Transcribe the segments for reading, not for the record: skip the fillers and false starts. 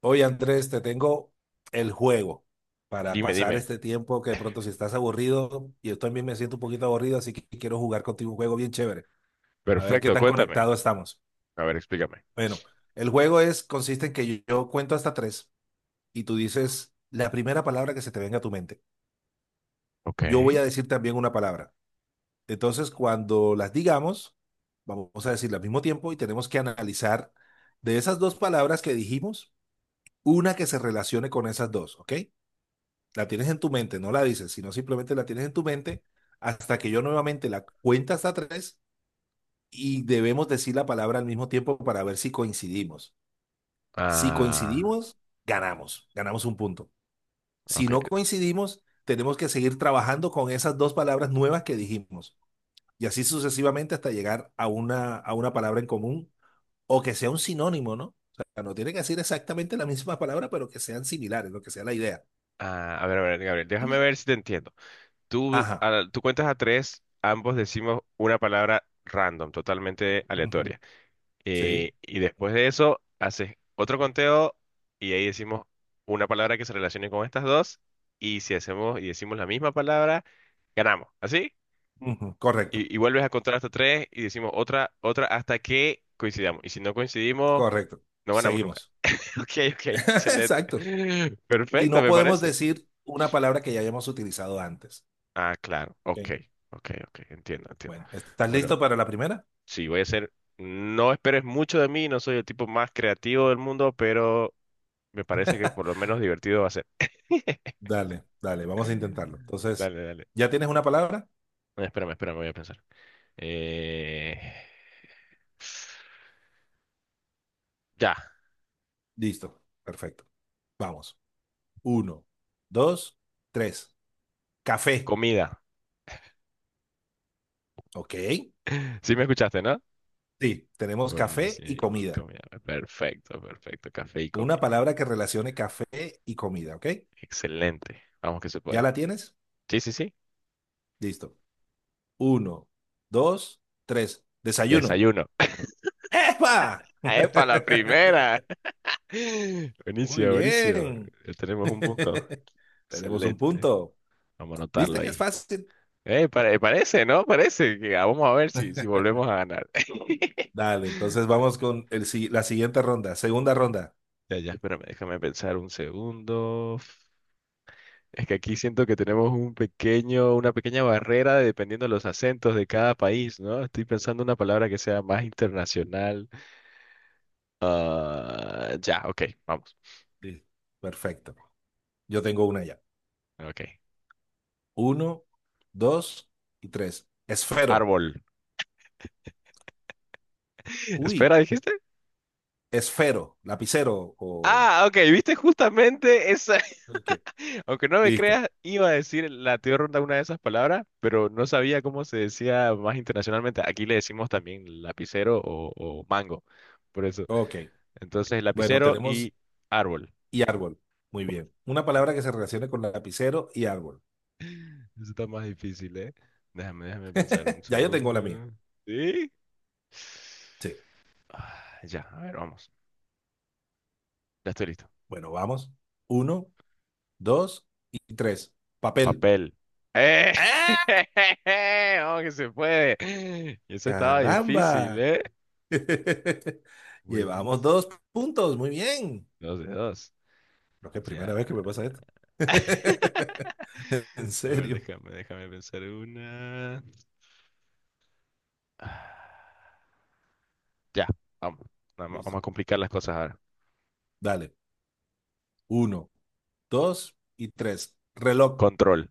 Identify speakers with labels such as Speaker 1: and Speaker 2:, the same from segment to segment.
Speaker 1: Oye, Andrés, te tengo el juego para
Speaker 2: Dime,
Speaker 1: pasar
Speaker 2: dime.
Speaker 1: este tiempo que de pronto si estás aburrido, y yo también me siento un poquito aburrido, así que quiero jugar contigo un juego bien chévere. A ver qué
Speaker 2: Perfecto,
Speaker 1: tan
Speaker 2: cuéntame.
Speaker 1: conectados estamos.
Speaker 2: A ver, explícame.
Speaker 1: Bueno, el juego es, consiste en que yo cuento hasta tres y tú dices la primera palabra que se te venga a tu mente.
Speaker 2: Ok.
Speaker 1: Yo voy a decir también una palabra. Entonces, cuando las digamos, vamos a decirla al mismo tiempo y tenemos que analizar de esas dos palabras que dijimos, una que se relacione con esas dos, ¿ok? La tienes en tu mente, no la dices, sino simplemente la tienes en tu mente hasta que yo nuevamente la cuente hasta tres y debemos decir la palabra al mismo tiempo para ver si coincidimos. Si
Speaker 2: Ah,
Speaker 1: coincidimos, ganamos un punto. Si
Speaker 2: ok.
Speaker 1: no coincidimos, tenemos que seguir trabajando con esas dos palabras nuevas que dijimos y así sucesivamente hasta llegar a una palabra en común o que sea un sinónimo, ¿no? O sea, no tiene que decir exactamente la misma palabra, pero que sean similares, lo que sea la idea.
Speaker 2: Ah, a ver, Gabriel, déjame
Speaker 1: Y
Speaker 2: ver si te entiendo. Tú,
Speaker 1: ajá.
Speaker 2: a- tú cuentas a tres, ambos decimos una palabra random, totalmente
Speaker 1: Ujú.
Speaker 2: aleatoria.
Speaker 1: Sí.
Speaker 2: Y después de eso, haces otro conteo y ahí decimos una palabra que se relacione con estas dos. Y si hacemos y decimos la misma palabra, ganamos. ¿Así?
Speaker 1: Ujú, correcto,
Speaker 2: Y vuelves a contar hasta tres y decimos otra, otra hasta que coincidamos. Y si no coincidimos,
Speaker 1: correcto.
Speaker 2: no ganamos nunca.
Speaker 1: Seguimos.
Speaker 2: Ok, ok, excelente.
Speaker 1: Exacto. Y
Speaker 2: Perfecto,
Speaker 1: no
Speaker 2: me
Speaker 1: podemos
Speaker 2: parece.
Speaker 1: decir una palabra que ya hayamos utilizado antes.
Speaker 2: Ah, claro. Ok,
Speaker 1: Ok,
Speaker 2: ok, ok. Entiendo, entiendo.
Speaker 1: bueno, ¿estás
Speaker 2: Bueno,
Speaker 1: listo para la primera?
Speaker 2: sí, voy a ser. No esperes mucho de mí, no soy el tipo más creativo del mundo, pero me parece que por lo menos divertido va a ser.
Speaker 1: Dale, dale, vamos a intentarlo. Entonces,
Speaker 2: Dale, dale.
Speaker 1: ¿ya tienes una palabra?
Speaker 2: Espérame, espérame, voy a pensar. Eh... Ya,
Speaker 1: Listo, perfecto. Vamos. Uno, dos, tres. Café.
Speaker 2: comida.
Speaker 1: Ok.
Speaker 2: Sí me escuchaste, ¿no?
Speaker 1: Sí, tenemos café
Speaker 2: Buenísimo.
Speaker 1: y
Speaker 2: Y
Speaker 1: comida.
Speaker 2: comida. Perfecto, perfecto. Café y
Speaker 1: Una
Speaker 2: comida.
Speaker 1: palabra que relacione café y comida, ¿ok?
Speaker 2: Excelente. Vamos que se
Speaker 1: ¿Ya
Speaker 2: puede.
Speaker 1: la tienes?
Speaker 2: Sí, sí, sí.
Speaker 1: Listo. Uno, dos, tres. Desayuno.
Speaker 2: Desayuno.
Speaker 1: ¡Epa!
Speaker 2: ¡Epa, la primera!
Speaker 1: Muy
Speaker 2: Buenísimo, buenísimo.
Speaker 1: bien.
Speaker 2: Ya tenemos un punto.
Speaker 1: Tenemos un
Speaker 2: Excelente.
Speaker 1: punto.
Speaker 2: Vamos a anotarlo
Speaker 1: ¿Viste que es
Speaker 2: ahí.
Speaker 1: fácil?
Speaker 2: Parece, ¿no? Parece que ah, vamos a ver si, si volvemos a ganar.
Speaker 1: Dale, entonces vamos con el, la siguiente ronda, segunda ronda.
Speaker 2: Ya, ya, espérame, déjame pensar un segundo. Es que aquí siento que tenemos un pequeño, una pequeña barrera de- dependiendo de los acentos de cada país, ¿no? Estoy pensando una palabra que sea más internacional. Ah, ya, ok, vamos.
Speaker 1: Sí. Perfecto. Yo tengo una ya.
Speaker 2: Ok.
Speaker 1: Uno, dos y tres. Esfero.
Speaker 2: Árbol.
Speaker 1: Uy,
Speaker 2: Espera, ¿dijiste?
Speaker 1: esfero, lapicero o...
Speaker 2: Ah, ok, viste justamente esa.
Speaker 1: Ok,
Speaker 2: Aunque no me
Speaker 1: listo.
Speaker 2: creas, iba a decir la tía ronda una de esas palabras, pero no sabía cómo se decía más internacionalmente. Aquí le decimos también lapicero o mango. Por eso.
Speaker 1: Ok.
Speaker 2: Entonces,
Speaker 1: Bueno,
Speaker 2: lapicero
Speaker 1: tenemos
Speaker 2: y árbol.
Speaker 1: y árbol. Muy bien. Una palabra que se relacione con lapicero y árbol.
Speaker 2: Eso está más difícil, ¿eh? Déjame, déjame pensar un
Speaker 1: Ya yo tengo
Speaker 2: segundo.
Speaker 1: la mía.
Speaker 2: ¿Sí?
Speaker 1: Sí.
Speaker 2: Ah, ya, a ver, vamos. Ya estoy listo.
Speaker 1: Bueno, vamos. Uno, dos y tres. Papel.
Speaker 2: Papel. ¡Eh!
Speaker 1: ¡Ah!
Speaker 2: ¡Oh, que se puede! Eso estaba difícil,
Speaker 1: ¡Caramba!
Speaker 2: ¿eh?
Speaker 1: Llevamos
Speaker 2: Buenísimo.
Speaker 1: dos puntos. Muy bien.
Speaker 2: Dos de dos.
Speaker 1: Creo que es
Speaker 2: Ya.
Speaker 1: primera vez que me pasa esto. En
Speaker 2: A ver,
Speaker 1: serio.
Speaker 2: déjame, déjame pensar una. Ah, ya, vamos. Vamos, vamos
Speaker 1: Listo.
Speaker 2: a complicar las cosas ahora.
Speaker 1: Dale. Uno, dos y tres. Reloj.
Speaker 2: Control.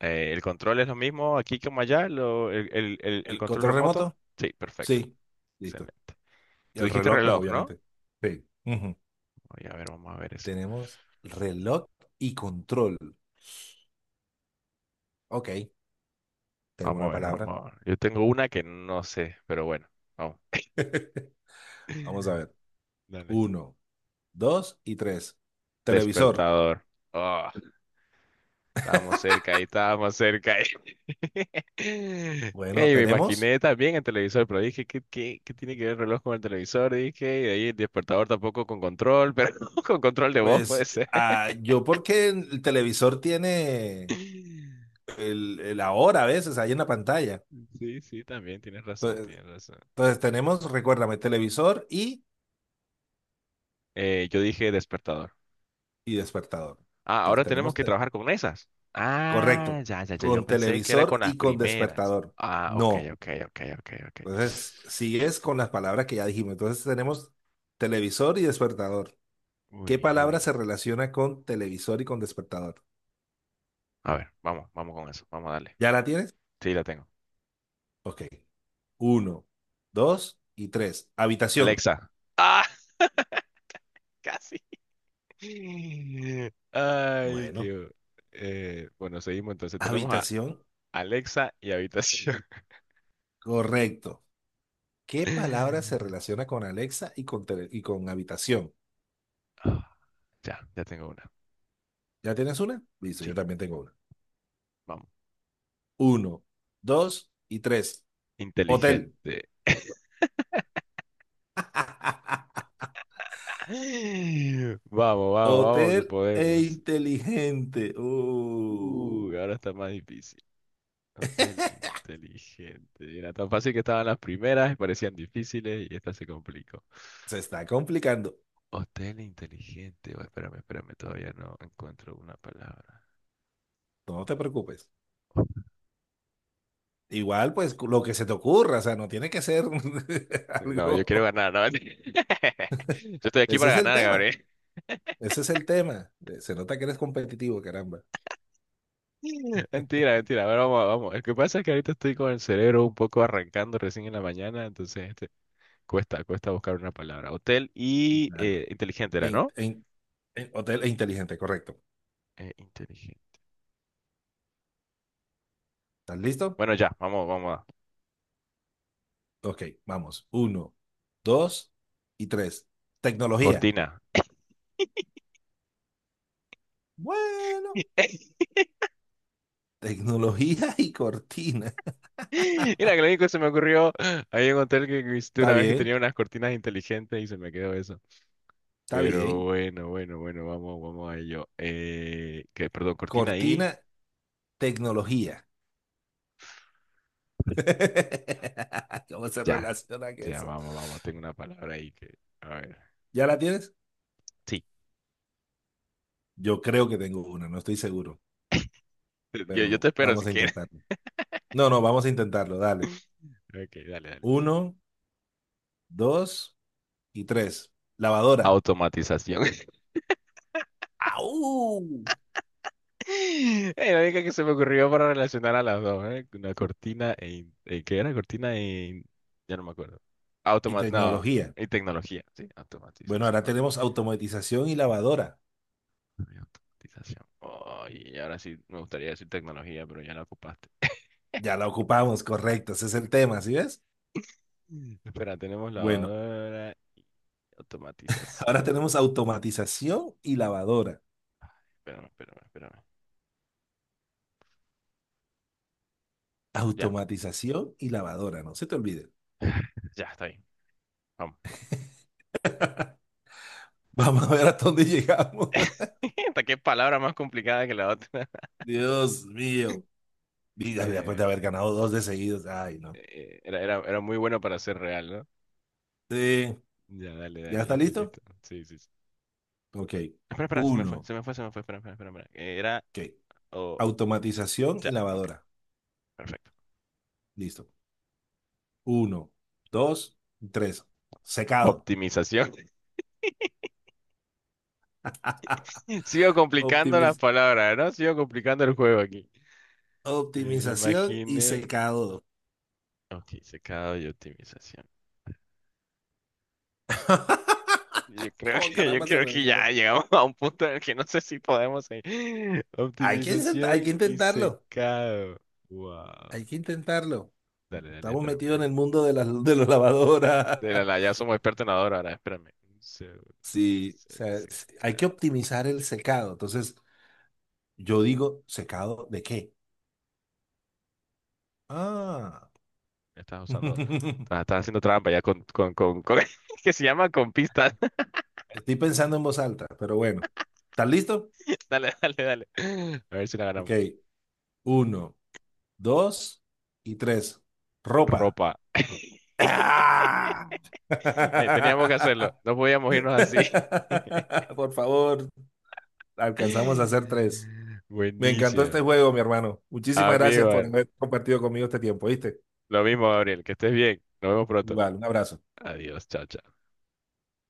Speaker 2: ¿El control es lo mismo aquí como allá? ¿El
Speaker 1: ¿El
Speaker 2: control
Speaker 1: control
Speaker 2: remoto?
Speaker 1: remoto?
Speaker 2: Sí, perfecto.
Speaker 1: Sí. Listo.
Speaker 2: Excelente.
Speaker 1: Y
Speaker 2: Tú
Speaker 1: el
Speaker 2: dijiste
Speaker 1: reloj, pues
Speaker 2: reloj, ¿no?
Speaker 1: obviamente. Sí. Ujú.
Speaker 2: Oye, a ver, vamos a ver eso.
Speaker 1: Tenemos reloj y control. Ok. Tengo
Speaker 2: Vamos a
Speaker 1: una
Speaker 2: ver,
Speaker 1: palabra.
Speaker 2: vamos a ver. Yo tengo una que no sé, pero bueno, vamos.
Speaker 1: Vamos a ver.
Speaker 2: Dale.
Speaker 1: Uno, dos y tres. Televisor.
Speaker 2: Despertador. Oh, estábamos cerca ahí, estábamos cerca ahí.
Speaker 1: Bueno,
Speaker 2: Ey, me
Speaker 1: tenemos,
Speaker 2: imaginé también el televisor, pero dije, ¿qué, qué, qué tiene que ver el reloj con el televisor? Dije, y de ahí el despertador tampoco con control, pero con control de voz puede
Speaker 1: pues
Speaker 2: ser.
Speaker 1: yo porque el televisor tiene el ahora a veces ahí en la pantalla.
Speaker 2: Sí, sí, también tienes razón,
Speaker 1: Entonces,
Speaker 2: tienes razón.
Speaker 1: entonces tenemos, recuérdame, televisor
Speaker 2: Yo dije despertador.
Speaker 1: y despertador.
Speaker 2: Ah,
Speaker 1: Entonces
Speaker 2: ahora tenemos
Speaker 1: tenemos,
Speaker 2: que trabajar con esas. Ah,
Speaker 1: correcto,
Speaker 2: ya, ya, ya, yo
Speaker 1: con
Speaker 2: pensé que era
Speaker 1: televisor
Speaker 2: con las
Speaker 1: y con
Speaker 2: primeras.
Speaker 1: despertador.
Speaker 2: Ah, ok,
Speaker 1: No.
Speaker 2: ok, ok, ok, ok.
Speaker 1: Entonces sigues con las palabras que ya dijimos. Entonces tenemos televisor y despertador.
Speaker 2: Uy,
Speaker 1: ¿Qué
Speaker 2: uy,
Speaker 1: palabra
Speaker 2: uy.
Speaker 1: se relaciona con televisor y con despertador?
Speaker 2: A ver, vamos, vamos con eso. Vamos a darle.
Speaker 1: ¿Ya la tienes?
Speaker 2: Sí, la tengo.
Speaker 1: Ok. Uno, dos y tres. Habitación.
Speaker 2: Alexa. Ah, casi. Ay,
Speaker 1: Bueno,
Speaker 2: qué... bueno, seguimos entonces. Tenemos a
Speaker 1: habitación,
Speaker 2: Alexa y habitación.
Speaker 1: correcto. ¿Qué palabra se relaciona con Alexa y con, y con habitación?
Speaker 2: Ah, ya, ya tengo una.
Speaker 1: ¿Ya tienes una? Listo, yo
Speaker 2: Sí,
Speaker 1: también tengo una.
Speaker 2: vamos.
Speaker 1: Uno, dos y tres. Hotel.
Speaker 2: Inteligente. Vamos, vamos, vamos,
Speaker 1: Hotel
Speaker 2: que
Speaker 1: e
Speaker 2: podemos.
Speaker 1: inteligente.
Speaker 2: Ahora está más difícil. Hotel inteligente. Era tan fácil que estaban las primeras, parecían difíciles y esta se complicó.
Speaker 1: Se está complicando.
Speaker 2: Hotel inteligente. Oh, espérame, espérame, todavía no encuentro una palabra.
Speaker 1: No te preocupes. Igual, pues lo que se te ocurra, o sea, no tiene que ser
Speaker 2: No, yo quiero
Speaker 1: algo.
Speaker 2: ganar, ¿no? Yo estoy aquí
Speaker 1: Ese
Speaker 2: para
Speaker 1: es el
Speaker 2: ganar,
Speaker 1: tema.
Speaker 2: Gabriel.
Speaker 1: Ese es el tema. Se nota que eres competitivo, caramba.
Speaker 2: Mentira, mentira. A ver, vamos, vamos. El que pasa es que ahorita estoy con el cerebro un poco arrancando recién en la mañana, entonces este, cuesta, cuesta buscar una palabra. Hotel y
Speaker 1: Claro.
Speaker 2: inteligente
Speaker 1: E,
Speaker 2: era,
Speaker 1: in-
Speaker 2: ¿no?
Speaker 1: e in- hotel e inteligente, correcto.
Speaker 2: Inteligente.
Speaker 1: ¿Estás listo?
Speaker 2: Bueno, ya, vamos, vamos a.
Speaker 1: Ok, vamos. Uno, dos y tres. Tecnología.
Speaker 2: Cortina.
Speaker 1: Bueno, tecnología y cortina.
Speaker 2: Mira, que lo único que se me ocurrió, había un hotel que visité
Speaker 1: Está
Speaker 2: una vez que
Speaker 1: bien,
Speaker 2: tenía unas cortinas inteligentes y se me quedó eso.
Speaker 1: está
Speaker 2: Pero
Speaker 1: bien.
Speaker 2: bueno, bueno, bueno, vamos, vamos a ello. Perdón, cortina ahí.
Speaker 1: Cortina, tecnología. ¿Cómo se
Speaker 2: Ya,
Speaker 1: relaciona que
Speaker 2: ya,
Speaker 1: eso?
Speaker 2: vamos, vamos. Tengo una palabra ahí que. A ver.
Speaker 1: ¿Ya la tienes?
Speaker 2: Sí,
Speaker 1: Yo creo que tengo una, no estoy seguro,
Speaker 2: yo
Speaker 1: pero
Speaker 2: te espero si
Speaker 1: vamos a
Speaker 2: quieres.
Speaker 1: intentarlo. No, no, vamos a intentarlo, dale.
Speaker 2: Ok, dale, dale.
Speaker 1: Uno. Dos y tres. Lavadora.
Speaker 2: Automatización.
Speaker 1: ¡Au!
Speaker 2: La única que se me ocurrió para relacionar a las dos, ¿eh? Una cortina e... ¿qué era? Cortina e... Ya no me acuerdo.
Speaker 1: Y
Speaker 2: Automa... No,
Speaker 1: tecnología.
Speaker 2: y tecnología, sí,
Speaker 1: Bueno,
Speaker 2: automatización.
Speaker 1: ahora
Speaker 2: Ok.
Speaker 1: tenemos automatización y lavadora.
Speaker 2: Automatización. Ay, y ahora sí me gustaría decir tecnología, pero ya la ocupaste.
Speaker 1: Ya la ocupamos, correcto. Ese es el tema, ¿sí ves?
Speaker 2: Mm. Espera, tenemos
Speaker 1: Bueno,
Speaker 2: lavadora,
Speaker 1: ahora
Speaker 2: automatización.
Speaker 1: tenemos automatización y lavadora.
Speaker 2: Ay, espérame, espérame, espérame. Ya,
Speaker 1: Automatización y lavadora, no se te olvide.
Speaker 2: ya, está ahí. Vamos.
Speaker 1: Vamos a ver hasta dónde llegamos.
Speaker 2: Hasta qué palabra más complicada que la otra.
Speaker 1: Dios mío. Y después de
Speaker 2: Eh,
Speaker 1: haber ganado dos de seguidos. Ay, no.
Speaker 2: era, era, era muy bueno para ser real, ¿no?
Speaker 1: Eh,
Speaker 2: Ya, dale,
Speaker 1: ¿Ya
Speaker 2: dale, ya
Speaker 1: está
Speaker 2: estoy
Speaker 1: listo?
Speaker 2: listo. Sí, sí, sí.
Speaker 1: Ok.
Speaker 2: Espera, espera, se me fue,
Speaker 1: Uno.
Speaker 2: se me fue, se me fue. Espera, espera, espera. Espera. Era.
Speaker 1: Ok.
Speaker 2: o- o-
Speaker 1: Automatización
Speaker 2: ya,
Speaker 1: y
Speaker 2: ok,
Speaker 1: lavadora.
Speaker 2: perfecto.
Speaker 1: Listo. Uno, dos, tres. Secado.
Speaker 2: Optimización. Sigo complicando las
Speaker 1: Optimiz-
Speaker 2: palabras, ¿no? Sigo complicando el juego aquí. Me
Speaker 1: optimización y
Speaker 2: imaginé.
Speaker 1: secado.
Speaker 2: Ok, secado y optimización.
Speaker 1: ¿Cómo
Speaker 2: Yo
Speaker 1: caramba se
Speaker 2: creo que
Speaker 1: relaciona?
Speaker 2: ya llegamos a un punto en el que no sé si podemos seguir.
Speaker 1: Hay
Speaker 2: Optimización
Speaker 1: que
Speaker 2: y
Speaker 1: intentarlo.
Speaker 2: secado. Wow.
Speaker 1: Hay que intentarlo.
Speaker 2: Dale, dale,
Speaker 1: Estamos
Speaker 2: espérame.
Speaker 1: metidos en el mundo de las lavadoras.
Speaker 2: De la, la- ya somos expertos en ador ahora, espérame. Un segundo.
Speaker 1: Sí, o
Speaker 2: Se-
Speaker 1: sea, hay que
Speaker 2: Secado.
Speaker 1: optimizar el secado. Entonces, yo digo, ¿secado de qué? Ah.
Speaker 2: Ya estás usando. Estás, estás haciendo trampa ya con- que se llama con pistas.
Speaker 1: Estoy pensando en voz alta, pero bueno. ¿Estás listo?
Speaker 2: Dale, dale, dale. A ver si la
Speaker 1: Ok.
Speaker 2: ganamos.
Speaker 1: Uno, dos y tres. Ropa.
Speaker 2: Ropa.
Speaker 1: ¡Ah!
Speaker 2: Teníamos que hacerlo. No podíamos irnos así.
Speaker 1: Por favor, alcanzamos a hacer tres. Me encantó
Speaker 2: Buenísimo.
Speaker 1: este juego, mi hermano. Muchísimas gracias por
Speaker 2: Amigo,
Speaker 1: haber compartido conmigo este tiempo, ¿viste?
Speaker 2: lo mismo, Gabriel, que estés bien. Nos vemos pronto.
Speaker 1: Igual, un abrazo.
Speaker 2: Adiós, chao, chao.